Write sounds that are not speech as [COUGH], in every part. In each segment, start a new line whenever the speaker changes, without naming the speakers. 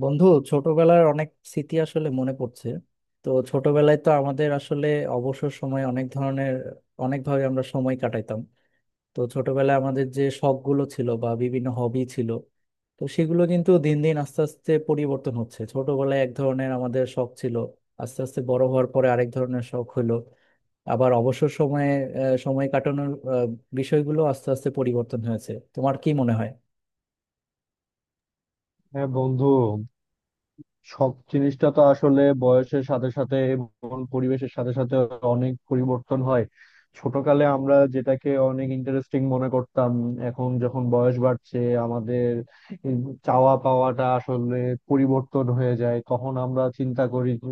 বন্ধু, ছোটবেলার অনেক স্মৃতি আসলে মনে পড়ছে। তো ছোটবেলায় তো আমাদের আসলে অবসর সময় অনেক ধরনের, অনেকভাবে আমরা সময় কাটাইতাম। তো ছোটবেলায় আমাদের যে শখগুলো ছিল বা বিভিন্ন হবি ছিল, তো সেগুলো কিন্তু দিন দিন আস্তে আস্তে পরিবর্তন হচ্ছে। ছোটবেলায় এক ধরনের আমাদের শখ ছিল, আস্তে আস্তে বড় হওয়ার পরে আরেক ধরনের শখ হলো। আবার অবসর সময়ে সময় কাটানোর বিষয়গুলো আস্তে আস্তে পরিবর্তন হয়েছে। তোমার কি মনে হয়?
হ্যাঁ বন্ধু, শখ জিনিসটা তো আসলে বয়সের সাথে সাথে এবং পরিবেশের সাথে সাথে অনেক পরিবর্তন হয়। ছোটকালে আমরা যেটাকে অনেক ইন্টারেস্টিং মনে করতাম, এখন যখন বয়স বাড়ছে আমাদের এই চাওয়া পাওয়াটা আসলে পরিবর্তন হয়ে যায়। তখন আমরা চিন্তা করি যে,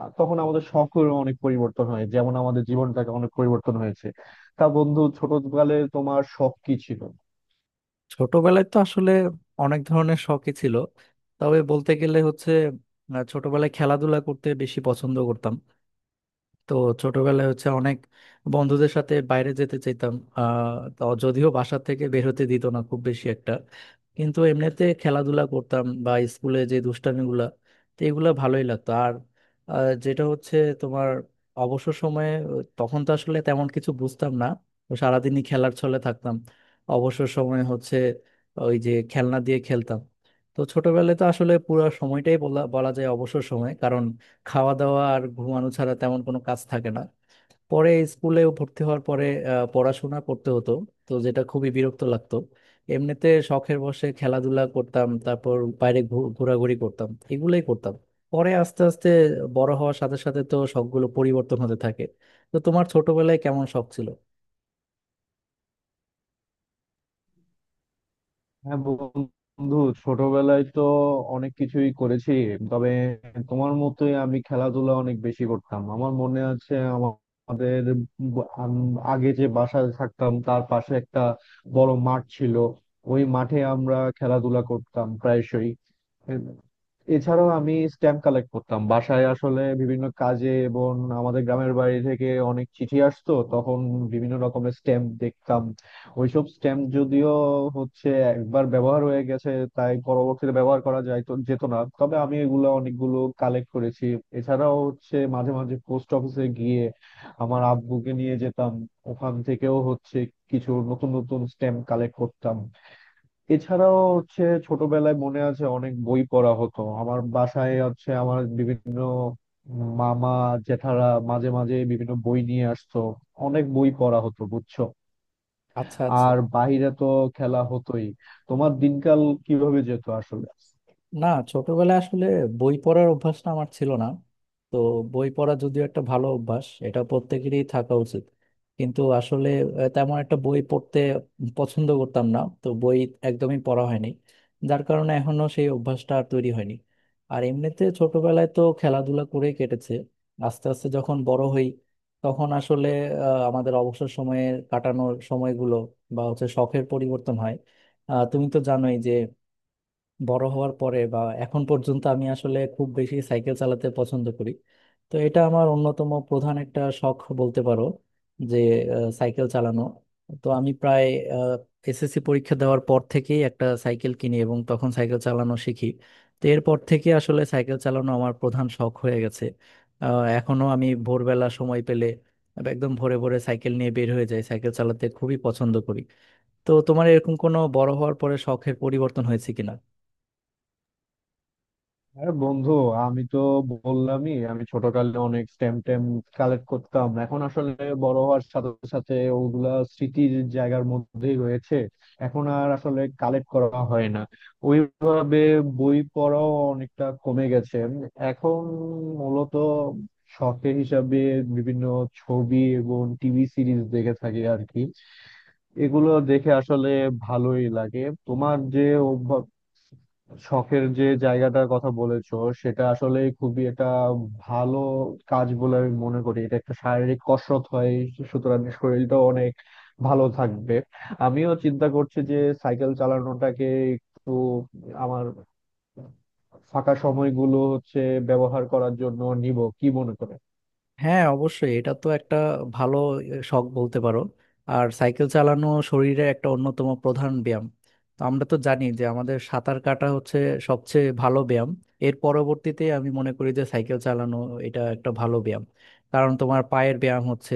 তখন আমাদের শখের অনেক পরিবর্তন হয়, যেমন আমাদের জীবনটাকে অনেক পরিবর্তন হয়েছে। তা বন্ধু, ছোটকালে তোমার শখ কি ছিল?
ছোটবেলায় তো আসলে অনেক ধরনের শখই ছিল, তবে বলতে গেলে হচ্ছে ছোটবেলায় খেলাধুলা করতে বেশি পছন্দ করতাম। তো ছোটবেলায় হচ্ছে অনেক বন্ধুদের সাথে বাইরে যেতে চাইতাম, তো যদিও বাসা থেকে বের হতে দিত না খুব বেশি একটা, কিন্তু এমনিতে খেলাধুলা করতাম বা স্কুলে যে দুষ্টামিগুলা, তো এগুলা ভালোই লাগতো। আর যেটা হচ্ছে তোমার অবসর সময়ে তখন তো আসলে তেমন কিছু বুঝতাম না, তো সারাদিনই খেলার ছলে থাকতাম। অবসর সময়ে হচ্ছে ওই যে খেলনা দিয়ে খেলতাম। তো ছোটবেলায় তো আসলে পুরো সময়টাই বলা বলা যায় অবসর সময়, কারণ খাওয়া দাওয়া আর ঘুমানো ছাড়া তেমন কোনো কাজ থাকে না। পরে স্কুলে ভর্তি হওয়ার পরে পড়াশোনা করতে হতো, তো যেটা খুবই বিরক্ত লাগতো। এমনিতে শখের বশে খেলাধুলা করতাম, তারপর বাইরে ঘোরাঘুরি করতাম। এগুলোই করতাম। পরে আস্তে আস্তে বড় হওয়ার সাথে সাথে তো শখগুলো পরিবর্তন হতে থাকে। তো তোমার ছোটবেলায় কেমন শখ ছিল?
হ্যাঁ বন্ধু, ছোটবেলায় তো অনেক কিছুই করেছি, তবে তোমার মতোই আমি খেলাধুলা অনেক বেশি করতাম। আমার মনে আছে আমাদের আগে যে বাসায় থাকতাম তার পাশে একটা বড় মাঠ ছিল। ওই মাঠে আমরা খেলাধুলা করতাম প্রায়শই। এম, এছাড়াও আমি স্ট্যাম্প কালেক্ট করতাম, বাসায় আসলে বিভিন্ন কাজে এবং আমাদের গ্রামের বাড়ি থেকে অনেক চিঠি আসতো তখন, বিভিন্ন রকমের স্ট্যাম্প দেখতাম। ওইসব স্ট্যাম্প যদিও হচ্ছে একবার ব্যবহার হয়ে গেছে, তাই পরবর্তীতে ব্যবহার করা যায় তো যেত না, তবে আমি এগুলো অনেকগুলো কালেক্ট করেছি। এছাড়াও হচ্ছে মাঝে মাঝে পোস্ট অফিসে গিয়ে, আমার আব্বুকে নিয়ে যেতাম, ওখান থেকেও হচ্ছে কিছু নতুন নতুন স্ট্যাম্প কালেক্ট করতাম। এছাড়াও হচ্ছে ছোটবেলায় মনে আছে অনেক বই পড়া হতো। আমার বাসায় হচ্ছে আমার বিভিন্ন মামা জেঠারা মাঝে মাঝে বিভিন্ন বই নিয়ে আসতো, অনেক বই পড়া হতো বুঝছো।
আচ্ছা, আচ্ছা।
আর বাইরে তো খেলা হতোই। তোমার দিনকাল কিভাবে যেত আসলে?
না, ছোটবেলায় আসলে বই পড়ার অভ্যাসটা আমার ছিল না। তো বই পড়া যদিও একটা ভালো অভ্যাস, এটা প্রত্যেকেরই থাকা উচিত, কিন্তু আসলে তেমন একটা বই পড়তে পছন্দ করতাম না। তো বই একদমই পড়া হয়নি, যার কারণে এখনো সেই অভ্যাসটা আর তৈরি হয়নি। আর এমনিতে ছোটবেলায় তো খেলাধুলা করে কেটেছে। আস্তে আস্তে যখন বড় হই তখন আসলে আমাদের অবসর সময়ে কাটানোর সময়গুলো বা হচ্ছে শখের পরিবর্তন হয়। তুমি তো জানোই যে বড় হওয়ার পরে বা এখন পর্যন্ত আমি আসলে খুব বেশি সাইকেল চালাতে পছন্দ করি। তো এটা আমার অন্যতম প্রধান একটা শখ বলতে পারো, যে সাইকেল চালানো। তো আমি প্রায় এসএসসি পরীক্ষা দেওয়ার পর থেকেই একটা সাইকেল কিনি এবং তখন সাইকেল চালানো শিখি। তো এরপর থেকে আসলে সাইকেল চালানো আমার প্রধান শখ হয়ে গেছে। এখনো আমি ভোরবেলা সময় পেলে একদম ভোরে ভোরে সাইকেল নিয়ে বের হয়ে যাই, সাইকেল চালাতে খুবই পছন্দ করি। তো তোমার এরকম কোনো বড় হওয়ার পরে শখের পরিবর্তন হয়েছে কিনা?
আরে বন্ধু, আমি তো বললামই আমি ছোটকালে অনেক স্ট্যাম্প ট্যাম্প কালেক্ট করতাম। এখন আসলে বড় হওয়ার সাথে সাথে ওগুলা স্মৃতির জায়গার মধ্যেই রয়েছে, এখন আর আসলে কালেক্ট করা হয় না ওইভাবে। বই পড়াও অনেকটা কমে গেছে এখন। মূলত শখের হিসাবে বিভিন্ন ছবি এবং টিভি সিরিজ দেখে থাকি আর কি। এগুলো দেখে আসলে ভালোই লাগে। তোমার যে অভ্যাস, শখের যে জায়গাটার কথা বলেছো, সেটা আসলে খুবই একটা ভালো কাজ বলে আমি মনে করি। এটা একটা শারীরিক কসরত হয়, সুতরাং শরীরটা অনেক ভালো থাকবে। আমিও চিন্তা করছি যে সাইকেল চালানোটাকে একটু আমার ফাঁকা সময়গুলো হচ্ছে ব্যবহার করার জন্য নিব, কি মনে করে?
হ্যাঁ, অবশ্যই এটা তো একটা ভালো শখ বলতে পারো। আর সাইকেল চালানো শরীরের একটা অন্যতম প্রধান ব্যায়াম। তো আমরা তো জানি যে আমাদের সাঁতার কাটা হচ্ছে সবচেয়ে ভালো ব্যায়াম, এর পরবর্তীতে আমি মনে করি যে সাইকেল চালানো এটা একটা ভালো ব্যায়াম। কারণ তোমার পায়ের ব্যায়াম হচ্ছে,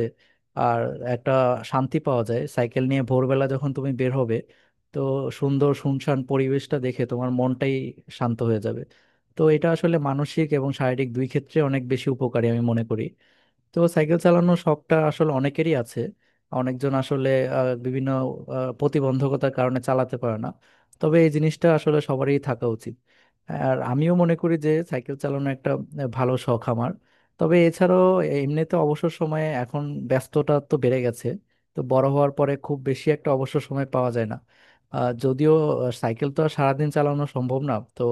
আর একটা শান্তি পাওয়া যায় সাইকেল নিয়ে ভোরবেলা যখন তুমি বের হবে। তো সুন্দর শুনশান পরিবেশটা দেখে তোমার মনটাই শান্ত হয়ে যাবে। তো এটা আসলে মানসিক এবং শারীরিক দুই ক্ষেত্রে অনেক বেশি উপকারী আমি মনে করি। তো সাইকেল চালানোর শখটা আসলে অনেকেরই আছে। অনেকজন আসলে বিভিন্ন প্রতিবন্ধকতার কারণে চালাতে পারে না, তবে এই জিনিসটা আসলে সবারই থাকা উচিত। আর আমিও মনে করি যে সাইকেল চালানো একটা ভালো শখ আমার। তবে এছাড়াও এমনিতে অবসর সময়ে এখন ব্যস্ততা তো বেড়ে গেছে, তো বড় হওয়ার পরে খুব বেশি একটা অবসর সময় পাওয়া যায় না। যদিও সাইকেল তো আর সারাদিন চালানো সম্ভব না, তো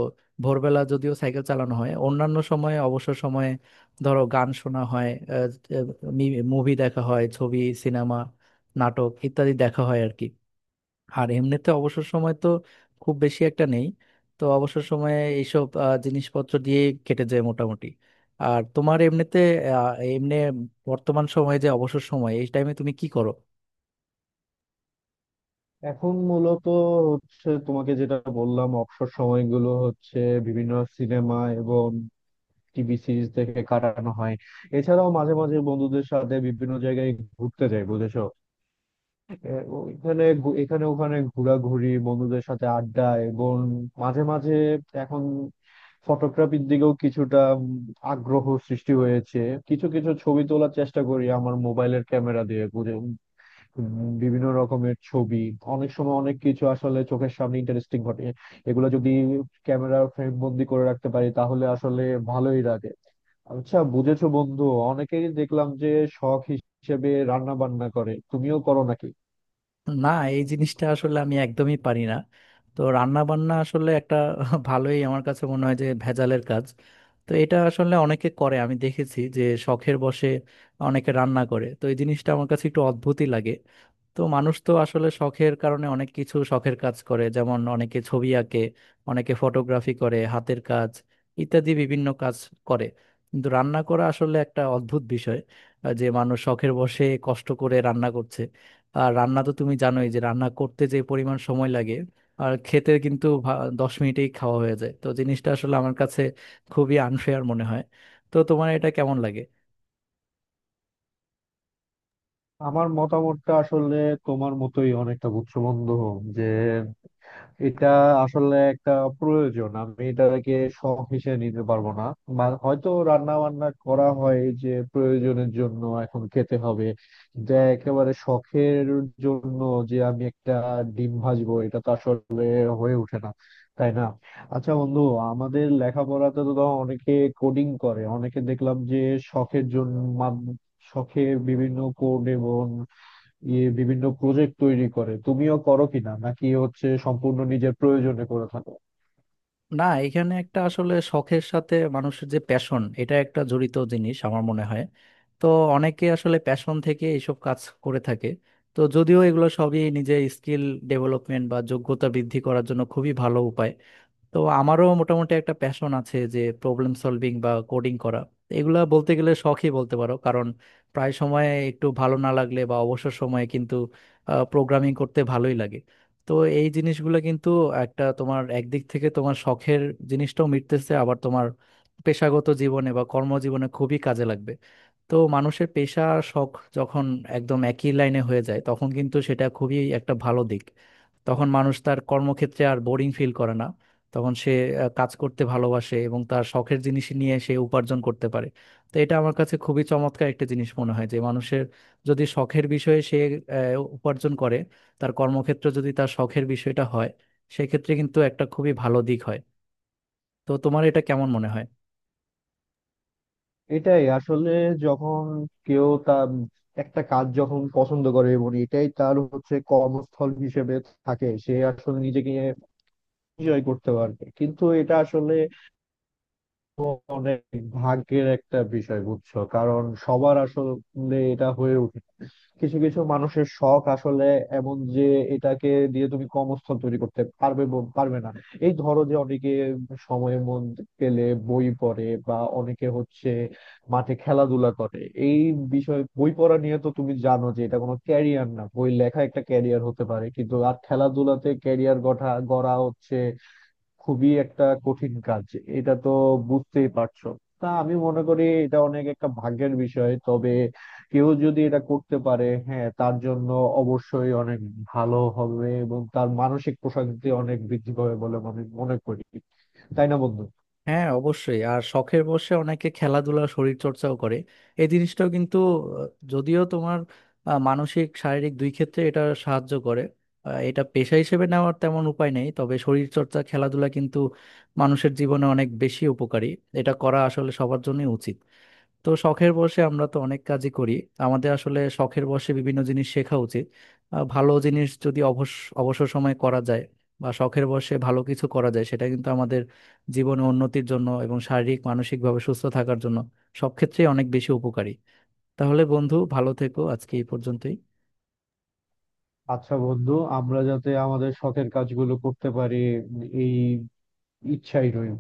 ভোরবেলা যদিও সাইকেল চালানো হয়, অন্যান্য সময়ে অবসর সময়ে ধরো গান শোনা হয়, মুভি দেখা হয়, ছবি, সিনেমা, নাটক ইত্যাদি দেখা হয় আর কি। আর এমনিতে অবসর সময় তো খুব বেশি একটা নেই। তো অবসর সময়ে এইসব জিনিসপত্র দিয়ে কেটে যায় মোটামুটি। আর তোমার এমনিতে আহ, এমনি বর্তমান সময়ে যে অবসর সময় এই টাইমে তুমি কি করো?
এখন মূলত হচ্ছে তোমাকে যেটা বললাম, অবসর সময়গুলো হচ্ছে বিভিন্ন সিনেমা এবং টিভি সিরিজ দেখে কাটানো হয়। এছাড়াও মাঝে মাঝে বন্ধুদের সাথে বিভিন্ন জায়গায় ঘুরতে যাই বুঝেছো। এ, এখানে ওখানে ঘোরাঘুরি, বন্ধুদের সাথে আড্ডা এবং মাঝে মাঝে এখন ফটোগ্রাফির দিকেও কিছুটা আগ্রহ সৃষ্টি হয়েছে। কিছু কিছু ছবি তোলার চেষ্টা করি আমার মোবাইলের ক্যামেরা দিয়ে, উম, বিভিন্ন রকমের ছবি। অনেক সময় অনেক কিছু আসলে চোখের সামনে ইন্টারেস্টিং ঘটে, এগুলো যদি ক্যামেরা ফ্রেম বন্দি করে রাখতে পারি তাহলে আসলে ভালোই লাগে। আচ্ছা বুঝেছো বন্ধু, অনেকেই দেখলাম যে শখ হিসেবে রান্না বান্না করে, তুমিও করো নাকি?
না, এই জিনিসটা আসলে আমি একদমই পারি না। তো রান্না বান্না আসলে একটা [LAUGHS] ভালোই আমার কাছে মনে হয় যে ভেজালের কাজ। তো এটা আসলে অনেকে করে আমি দেখেছি, যে শখের বশে অনেকে রান্না করে, তো এই জিনিসটা আমার কাছে একটু অদ্ভুতই লাগে। তো মানুষ তো আসলে শখের কারণে অনেক কিছু শখের কাজ করে, যেমন অনেকে ছবি আঁকে, অনেকে ফটোগ্রাফি করে, হাতের কাজ ইত্যাদি বিভিন্ন কাজ করে। কিন্তু রান্না করা আসলে একটা অদ্ভুত বিষয়, যে মানুষ শখের বশে কষ্ট করে রান্না করছে। আর রান্না তো তুমি জানোই যে রান্না করতে যে পরিমাণ সময় লাগে, আর খেতে কিন্তু 10 মিনিটেই খাওয়া হয়ে যায়। তো জিনিসটা আসলে আমার কাছে খুবই আনফেয়ার মনে হয়। তো তোমার এটা কেমন লাগে?
আমার মতামতটা আসলে তোমার মতোই অনেকটা বুঝছো বন্ধু, যে এটা আসলে একটা প্রয়োজন, আমি এটাকে শখ হিসেবে নিতে পারবো না। হয়তো রান্না বান্না করা হয় যে প্রয়োজনের জন্য এখন খেতে হবে, কিন্তু একেবারে শখের জন্য যে আমি একটা ডিম ভাজবো, এটা তো আসলে হয়ে ওঠে না, তাই না। আচ্ছা বন্ধু, আমাদের লেখাপড়াতে তো ধরো অনেকে কোডিং করে, অনেকে দেখলাম যে শখের জন্য শখে বিভিন্ন কোড এবং ইয়ে বিভিন্ন প্রজেক্ট তৈরি করে, তুমিও করো কিনা নাকি হচ্ছে সম্পূর্ণ নিজের প্রয়োজনে করে থাকো?
না, এখানে একটা আসলে শখের সাথে মানুষের যে প্যাশন এটা একটা জড়িত জিনিস আমার মনে হয়। তো অনেকে আসলে প্যাশন থেকে এইসব কাজ করে থাকে। তো যদিও এগুলো সবই নিজের স্কিল ডেভেলপমেন্ট বা যোগ্যতা বৃদ্ধি করার জন্য খুবই ভালো উপায়। তো আমারও মোটামুটি একটা প্যাশন আছে যে প্রবলেম সলভিং বা কোডিং করা। এগুলা বলতে গেলে শখই বলতে পারো, কারণ প্রায় সময় একটু ভালো না লাগলে বা অবসর সময়ে কিন্তু প্রোগ্রামিং করতে ভালোই লাগে। তো এই জিনিসগুলো কিন্তু একটা, তোমার একদিক থেকে তোমার শখের জিনিসটাও মিটতেছে, আবার তোমার পেশাগত জীবনে বা কর্মজীবনে খুবই কাজে লাগবে। তো মানুষের পেশা আর শখ যখন একদম একই লাইনে হয়ে যায় তখন কিন্তু সেটা খুবই একটা ভালো দিক। তখন মানুষ তার কর্মক্ষেত্রে আর বোরিং ফিল করে না, তখন সে কাজ করতে ভালোবাসে এবং তার শখের জিনিস নিয়ে সে উপার্জন করতে পারে। তো এটা আমার কাছে খুবই চমৎকার একটা জিনিস মনে হয় যে মানুষের যদি শখের বিষয়ে সে আহ, উপার্জন করে, তার কর্মক্ষেত্র যদি তার শখের বিষয়টা হয়, সেক্ষেত্রে কিন্তু একটা খুবই ভালো দিক হয়। তো তোমার এটা কেমন মনে হয়?
এটাই আসলে, যখন কেউ তার একটা কাজ যখন পছন্দ করে এবং এটাই তার হচ্ছে কর্মস্থল হিসেবে থাকে, সে আসলে নিজেকে এনজয় করতে পারবে, কিন্তু এটা আসলে অনেক ভাগ্যের একটা বিষয় বুঝছো, কারণ সবার আসলে এটা হয়ে ওঠে না। কিছু কিছু মানুষের শখ আসলে এমন যে এটাকে দিয়ে তুমি কর্মস্থল তৈরি করতে পারবে পারবে না। এই ধরো যে অনেকে সময় মন পেলে বই পড়ে, বা অনেকে হচ্ছে মাঠে খেলাধুলা করে। এই বিষয়ে বই পড়া নিয়ে তো তুমি জানো যে এটা কোনো ক্যারিয়ার না, বই লেখা একটা ক্যারিয়ার হতে পারে কিন্তু, আর খেলাধুলাতে ক্যারিয়ার গড়া হচ্ছে খুবই একটা কঠিন কাজ, এটা তো বুঝতেই পারছো। তা আমি মনে করি এটা অনেক একটা ভাগ্যের বিষয়, তবে কেউ যদি এটা করতে পারে, হ্যাঁ, তার জন্য অবশ্যই অনেক ভালো হবে এবং তার মানসিক প্রশান্তি অনেক বৃদ্ধি পাবে বলে আমি মনে করি, তাই না বন্ধু।
হ্যাঁ, অবশ্যই। আর শখের বসে অনেকে খেলাধুলা শরীর চর্চাও করে। এই জিনিসটাও কিন্তু আহ, যদিও তোমার মানসিক শারীরিক দুই ক্ষেত্রে এটা সাহায্য করে। এটা পেশা হিসেবে নেওয়ার তেমন উপায় নেই, তবে শরীর চর্চা খেলাধুলা কিন্তু মানুষের জীবনে অনেক বেশি উপকারী। এটা করা আসলে সবার জন্যই উচিত। তো শখের বশে আমরা তো অনেক কাজই করি। আমাদের আসলে শখের বশে বিভিন্ন জিনিস শেখা উচিত। ভালো জিনিস যদি অবসর সময় করা যায়, বা শখের বশে ভালো কিছু করা যায়, সেটা কিন্তু আমাদের জীবনে উন্নতির জন্য এবং শারীরিক মানসিকভাবে সুস্থ থাকার জন্য সব ক্ষেত্রেই অনেক বেশি উপকারী। তাহলে বন্ধু, ভালো থেকো। আজকে এই পর্যন্তই।
আচ্ছা বন্ধু, আমরা যাতে আমাদের শখের কাজগুলো করতে পারি, এই ইচ্ছাই রইল।